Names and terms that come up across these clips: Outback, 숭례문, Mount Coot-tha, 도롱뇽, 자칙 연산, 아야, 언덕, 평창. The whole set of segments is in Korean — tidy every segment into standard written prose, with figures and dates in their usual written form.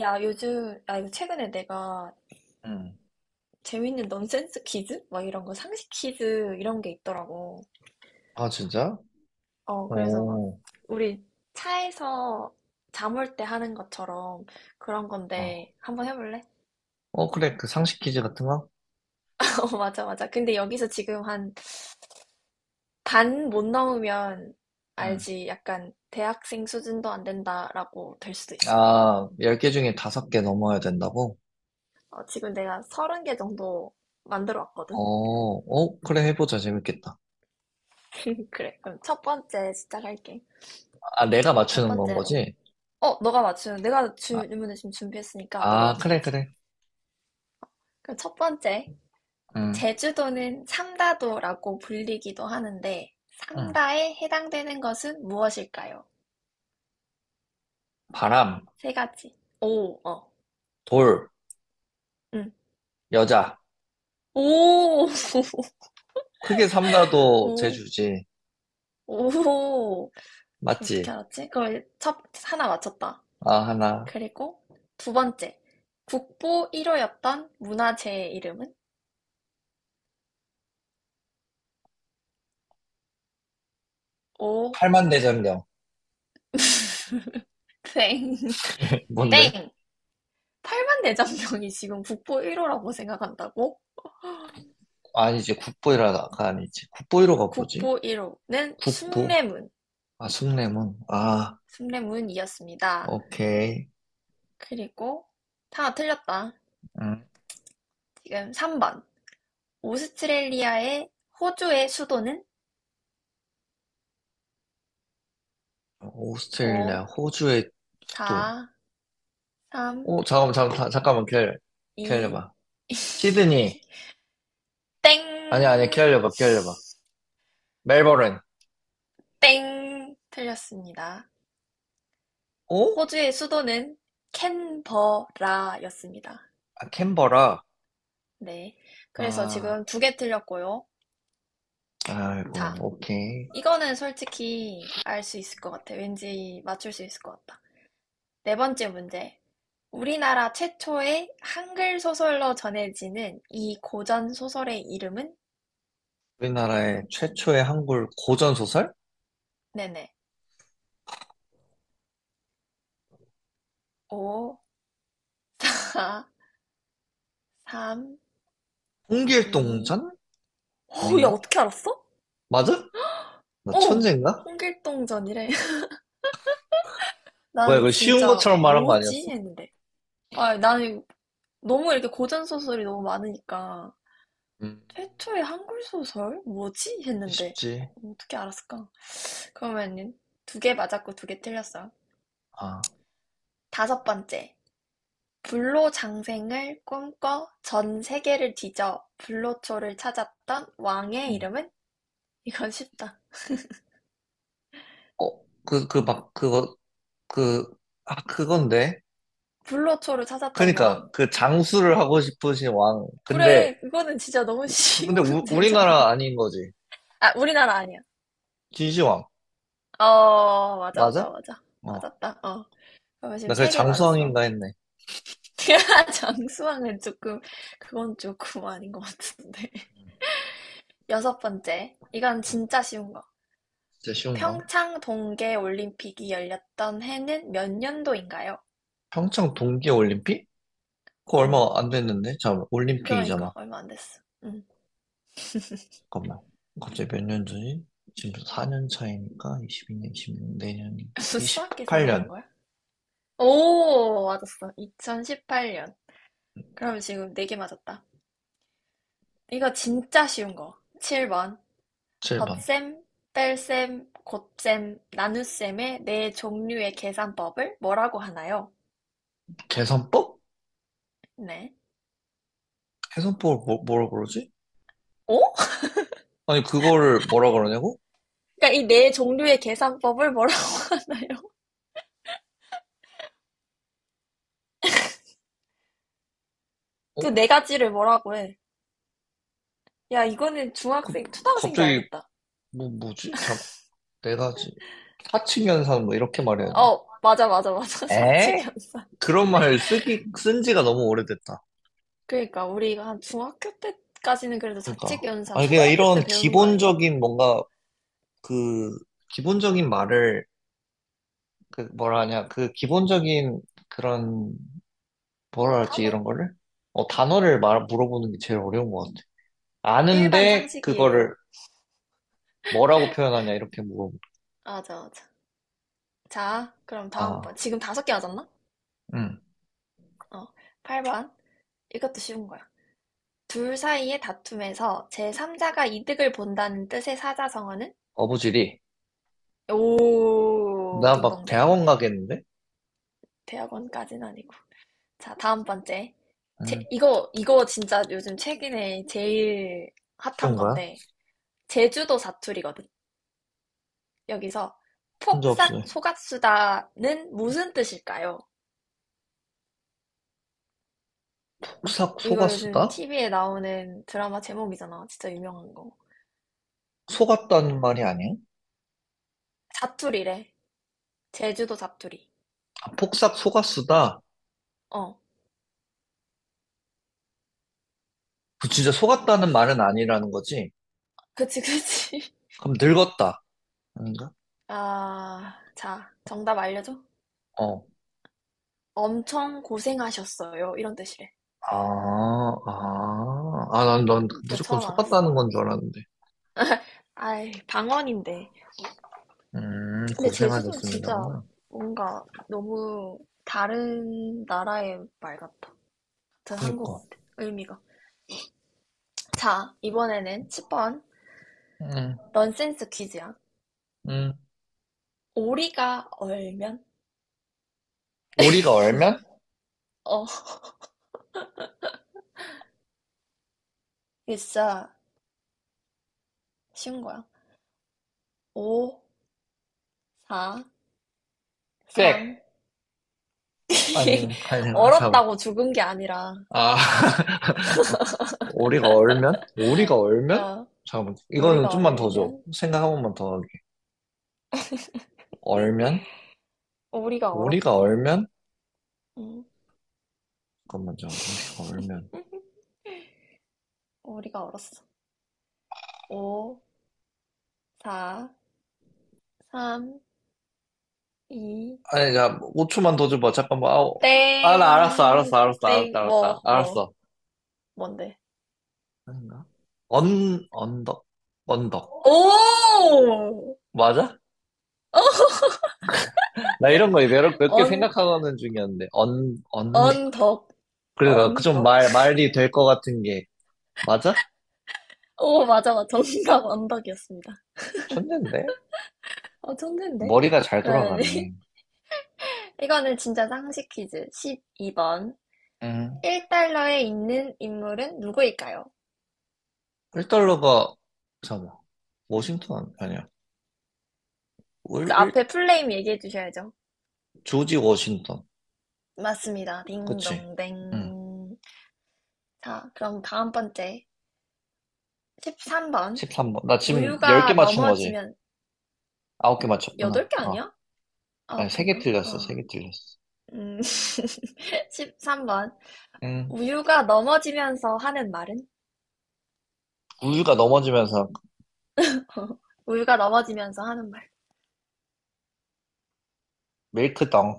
야, 요즘, 아, 이거 최근에 내가 응. 재밌는 넌센스 퀴즈? 막 이런 거, 상식 퀴즈 이런 게 있더라고. 아, 진짜? 어, 그래서 막, 오. 우리 차에서 잠올 때 하는 것처럼 그런 어. 건데, 한번 해볼래? 어, 그래. 그 상식 퀴즈 같은 거? 어, 맞아, 맞아. 근데 여기서 지금 한 반 못 넘으면 응. 알지. 약간 대학생 수준도 안 된다라고 될 수도 있어. 아, 10개 중에 5개 넘어야 된다고? 어, 지금 내가 30개 정도 만들어 어, 왔거든? 어, 그래. 해보자. 재밌겠다. 그래, 그럼 첫 번째 시작할게. 아, 내가 첫 맞추는 건 번째로. 거지? 어, 너가 맞추는, 내가 아, 질문을 지금 준비했으니까 너가 아, 그래, 맞춰야지. 그래. 그럼 첫 번째, 응, 제주도는 삼다도라고 불리기도 하는데, 응. 삼다에 해당되는 것은 무엇일까요? 바람, 3가지. 오, 어, 돌, 응. 여자. 오, 크게 삼다도 오, 제주지. 오. 어떻게 맞지? 알았지? 그걸 하나 맞췄다. 아, 하나. 그리고 두 번째, 국보 1호였던 문화재의 이름은? 오, 팔만대장경. 땡, 뭔데? 땡. 팔만 내천병이 지금 국보 1호라고 생각한다고? 아니지. 국보이라가 아니지. 국보이로가 뭐지? 국보 1호는 국보. 숭례문, 아, 숭례문. 아, 숭례문이었습니다. 오케이. 그리고 하나 틀렸다. 음. 지금 3번. 오스트레일리아의 호주의 수도는 오스트레일리아, 5, 호주의 수도. 4, 3, 어, 잠깐만, 기다려. 이 기다려봐. 2. 시드니. 땡! 아니, 아니, 기다려봐, 기다려봐. 멜버른. 땡! 틀렸습니다. 어? 호주의 수도는 캔버라였습니다. 아, 캔버라. 네. 그래서 아, 지금 2개 틀렸고요. 아이고, 자, 오케이. 이거는 솔직히 알 수 있을 것 같아. 왠지 맞출 수 있을 것 같다. 네 번째 문제. 우리나라 최초의 한글 소설로 전해지는 이 고전 소설의 이름은? 우리나라의 최초의 한글 고전소설? 네네. 5, 4, 3, 2. 홍길동전? 오, 야, 아닌가? 어떻게 알았어? 맞아? 나 어, 천재인가? 홍길동전이래. 뭐야, 나는 이거 쉬운 진짜 것처럼 말한 거 뭐지? 아니었어? 했는데. 아, 나는 너무 이렇게 고전 소설이 너무 많으니까. 음, 최초의 한글 소설? 뭐지? 했는데. 쉽지. 어떻게 알았을까? 그러면은 2개 맞았고 2개 틀렸어. 아, 다섯 번째. 불로장생을 꿈꿔 전 세계를 뒤져 불로초를 찾았던 왕의 음. 이름은? 이건 쉽다. 어, 그, 아, 그건데. 불로초를 찾았던 왕. 그니까 그 장수를 하고 싶으신 왕. 근데 그래, 그거는 진짜 너무 근데 쉬운 문제잖아. 우리나라 아닌 거지. 아, 우리나라 아니야. 진시황 어, 맞아, 맞아, 맞아? 맞아. 어. 맞았다. 어. 그러면 지금 나 그래 3개 맞았어. 장수왕인가 했네. 장수왕은 조금, 그건 조금 아닌 것 같은데. 여섯 번째. 이건 진짜 쉬운 거. 진짜 쉬운가? 평창 동계 올림픽이 열렸던 해는 몇 년도인가요? 평창 동계올림픽? 그거 응. 얼마 안 됐는데? 잠깐만 올림픽이잖아. 그러니까 얼마 안 됐어. 응. 잠깐만. 갑자기 몇 년 전이? 지금 4년 차이니까 22년, 2년 내년 수학 계산하는 28년 거야? 오, 맞았어. 2018년. 그럼 지금 4개 맞았다. 이거 진짜 쉬운 거. 7번. 7번. 덧셈, 뺄셈, 곱셈, 나눗셈의 네 종류의 계산법을 뭐라고 하나요? 개선법? 네. 개선법을 뭐, 뭐라 그러지? 어? 아니 그거를 뭐라 그러냐고? 그러니까 이 네 종류의 계산법을 뭐라고 하나요? 어? 그 네 가지를 뭐라고 해? 야, 이거는 중학생, 초등학생도 갑자기 알겠다. 뭐지? 잠 네 가지. 사칭 연산 뭐 이렇게 말해야 어, 맞아, 맞아, 맞아. 돼. 자칙 에? 연산. 그런 말 쓴 지가 너무 오래됐다. 그러니까 우리가 한 중학교 때까지는 그래도 자칙 그러니까. 연산, 아니, 그냥 초등학교 때 이런 배우는 거 아닌가? 기본적인 뭔가 그, 기본적인 말을, 그, 뭐라 하냐, 그 기본적인 그런, 뭐라 하지, 단어? 이런 거를? 어, 단어를 말, 물어보는 게 제일 어려운 것 같아. 일반 아는데, 상식이에요. 그거를 뭐라고 표현하냐, 이렇게 물어보 맞아, 맞아. 자, 그럼 다음 아, 번. 지금 5개 맞았나? 응. 어, 8번. 이것도 쉬운 거야. 둘 사이의 다툼에서 제3자가 이득을 본다는 뜻의 사자성어는? 어부지리. 오, 나 막 딩동댕. 대학원 가겠는데? 대학원까지는 아니고. 자, 다음 번째. 응. 이거 진짜 요즘 최근에 제일 핫한 그런 거야? 건데. 제주도 사투리거든. 여기서 혼자 없어. 폭삭 속았수다는 무슨 뜻일까요? 폭삭 이거 요즘 속았수다? TV에 나오는 드라마 제목이잖아. 진짜 유명한 거. 속았다는 말이 아니에요? 사투리래. 제주도 사투리. 아, 폭삭 속았수다. 어. 그 진짜 속았다는 말은 아니라는 거지. 그치, 그치. 그럼 늙었다. 아닌가? 아, 자, 정답 알려줘. 어. 엄청 고생하셨어요. 이런 뜻이래. 아, 아. 아, 난 진짜 무조건 처음 알았어. 속았다는 건 줄 알았는데. 아이, 방언인데. 근데 제주도는 진짜 고생하셨습니다구나. 뭔가 너무 다른 나라의 말 같아. 같은 한국어 그니까. 같아. 의미가. 자, 이번에는 1번 음, 넌센스 퀴즈야. 음. 오리가 얼면? 오리가 얼면? 어, 이게 진짜 쉬운 거야. 5, 4, 꽥! 3. 아니네. 아니, 사고. 얼었다고 죽은 게 아니라, 아, 오리가 얼면? 어, 잠깐만. 이거는 오리가 좀만 더 줘. 얼면? 생각 한 번만 더 하게. 얼면? 오리가 오리가 얼었대. 얼면? 응. 잠깐만, 잠깐 오리가 얼면. 오리가 얼었어. 5, 4, 3, 2, 아니, 야, 5초만 더 줘봐. 잠깐만. 아 아, 나 땡, 땡, 뭐, 뭐, 알았어. 뭔데? 아닌가? 언덕, 언덕. 오! 맞아? 어! 나 이런 거 몇 개 언, 생각하는 중이었는데. 언, 언. 언덕, 그러니까 그 좀 언덕. 말, 말이 될 것 같은 게. 맞아? 오, 맞아, 맞아. 정답 언덕이었습니다. 천재인데? 어, 천재인데? 머리가 잘 그러면 돌아가네. 이거는 진짜 상식 퀴즈. 12번. 음. 1달러에 있는 인물은 누구일까요? 1달러가, 잠깐만. 워싱턴 아니야. 그 월, 일- 앞에 풀네임 얘기해 주셔야죠. 조지 워싱턴. 맞습니다. 그치? 응. 딩동댕. 자, 그럼 다음 번째. 13번. 13번. 나 지금 10개 우유가 맞춘 거지. 넘어지면 9개 맞췄구나. 8개 어. 아니야? 아니, 9개인가? 세 아, 개 틀렸어. 음. 13번. 음, 우유가 넘어지면서 하는 말은? 우유가 넘어지면서 우유가 넘어지면서 하는 말. 밀크덩.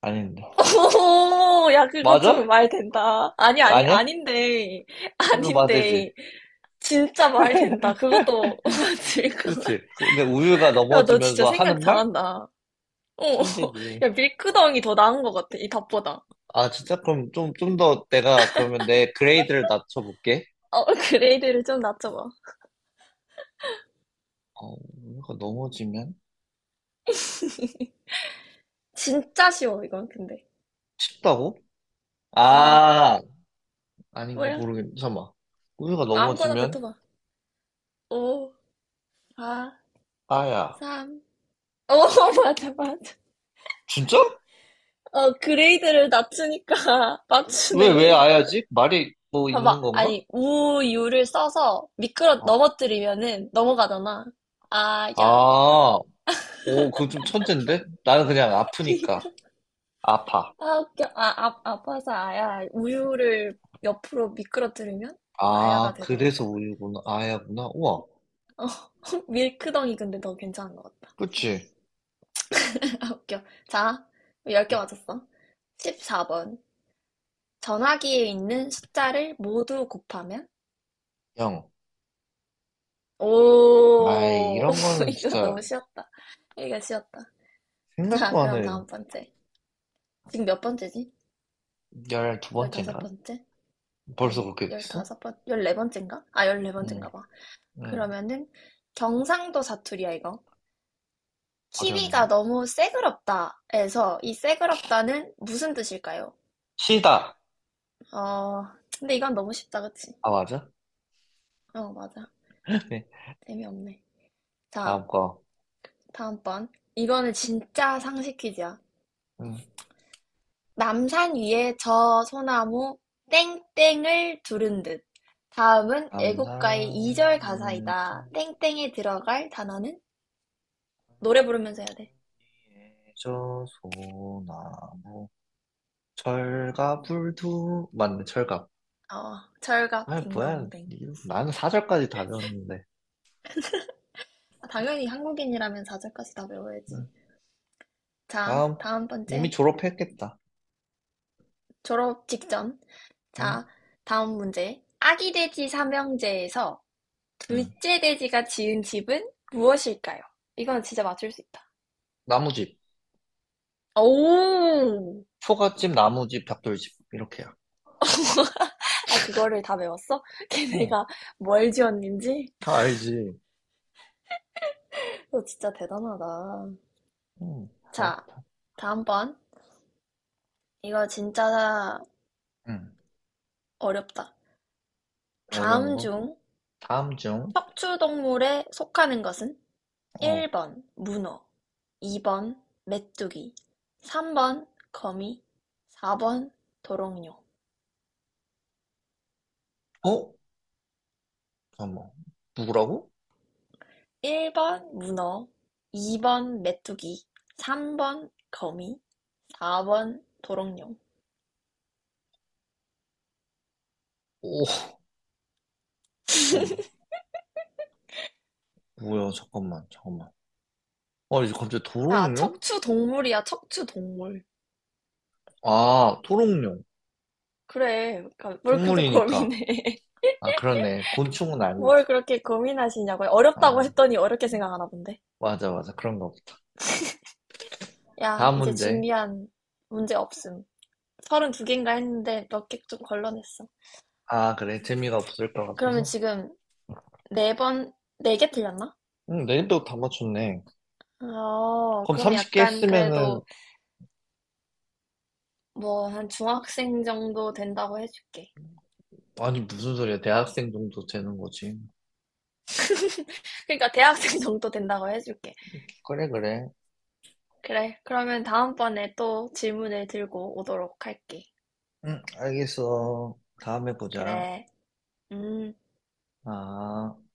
아닌데. 오, 야, 그것 좀 맞아? 말 된다. 아니, 아니, 아니야? 아닌데. 그래도 맞지. 아닌데. 진짜 말 된다. 그것도 맞을 것 같아. 그렇지. 근데 우유가 야, 너 진짜 넘어지면서 생각 하는 말? 잘한다. 어, 천재지. 야, 밀크덩이 더 나은 것 같아. 이 답보다. 아, 진짜? 그럼 좀 더 내가, 그러면 내 그레이드를 낮춰볼게. 어, 그레이드를 좀 낮춰봐. 어, 우유가 넘어지면? 진짜 쉬워, 이건, 근데. 춥다고? 어, 아, 아닌가 뭐야? 모르겠네. 잠깐만. 우유가 아무거나 넘어지면? 뱉어봐. 5, 4, 아야. 삼오 맞아, 맞아. 진짜? 어, 그레이드를 낮추니까 왜 맞추네. 아야지? 말이 뭐 있는 봐봐. 건가? 아니, 우유를 써서 어. 넘어뜨리면은 넘어가잖아. 아, 야. 아 오, 그거 좀 천잰데? 나는 그냥 아프니까. 아파. 아, 웃겨. 아, 아, 아파서 아야. 우유를 옆으로 미끄러뜨리면 아야가 아, 그래서 되더라고. 우유구나. 아야구나. 우와. 어, 밀크덩이 근데 너 괜찮은 것 같다. 그치? 아, 웃겨. 자, 10개 맞았어. 14번. 전화기에 있는 숫자를 모두 곱하면? 영. 아이, 오, 이런 거는 이거 진짜 너무 쉬웠다. 이거 쉬웠다. 자, 생각도 안 그럼 해. 다음 번째. 지금 몇 번째지? 열 두 열다섯 번째인가? 번째? 벌써 아니, 그렇게 됐어? 15번, 열네 번째인가? 아, 열네 응, 번째인가 봐. 응. 그러면은 경상도 사투리야, 이거. 키위가 어려웠네. 너무 새그럽다에서 이 새그럽다는 무슨 뜻일까요? 시다. 어, 근데 이건 너무 쉽다, 그치? 아, 맞아? 어, 맞아. 네. 재미없네. 자, 다음 거. 다음번. 이거는 진짜 상식 퀴즈야. 응. 남산 위에 저 소나무 땡땡을 두른 듯. 다음은 애국가의 2절 감상예저 가사이다. 땡땡에 들어갈 단어는? 노래 부르면서 해야 돼. 예저 소나무 철갑 불두 맞네 철갑 어, 철갑 아 뭐야 딩동댕. 이거 나는 사절까지 다 배웠는데 아, 당연히 한국인이라면 4절까지 다 음. 외워야지. 자, 다음. 다음 이미 번째. 졸업했겠다. 졸업 직전. 응? 자, 다음 문제. 아기 돼지 삼형제에서 응. 둘째 돼지가 지은 집은 무엇일까요? 이건 진짜 맞출 수 있다. 나무집. 오! 초가집, 나무집, 벽돌집. 이렇게야. 아, 그거를 다 외웠어? 응. 걔네가 뭘 지었는지? 다 알지. 너 진짜 대단하다. 응. 자, 그렇다. 다음번. 이거 진짜 응. 어렵다. 어려운 다음 거. 중 다음 중. 척추동물에 속하는 것은 어. 일 번 문어, 이 번 메뚜기, 삼 번 거미, 사 번 도롱뇽. 어? 잠깐만. 누구라고? 일 번 문어, 이 번 메뚜기, 삼 번 거미, 사 번 도롱뇽. 오. 잠깐만. 뭐야, 잠깐만. 잠깐만. 어, 이제 갑자기 아, 도롱뇽? 척추동물이야, 척추동물. 아, 도롱뇽. 그래, 그러니까 뭘 그렇게 동물이니까. 고민해. 아, 그러네. 곤충은 뭘 아니지. 그렇게 고민하시냐고요. 어렵다고 아, 했더니 어렵게 생각하나 본데. 맞아, 맞아. 그런 거. 야, 다음 이제 문제. 준비한 문제 없음. 32 개인가 했는데 몇 개 좀 걸러냈어. 아, 그래. 재미가 없을 것 그러면 같아서. 지금 네 번, 네 개 틀렸나? 응, 내일도 다 맞췄네. 어, 그럼 그러면 30개 약간 했으면은, 그래도 뭐 한 중학생 정도 된다고 해줄게. 아니, 무슨 소리야. 대학생 정도 되는 거지. 그러니까 대학생 정도 된다고 해줄게. 그래, 그래. 그래. 그러면 다음번에 또 질문을 들고 오도록 할게. 응, 알겠어. 다음에 보자. 그래. 음. 아.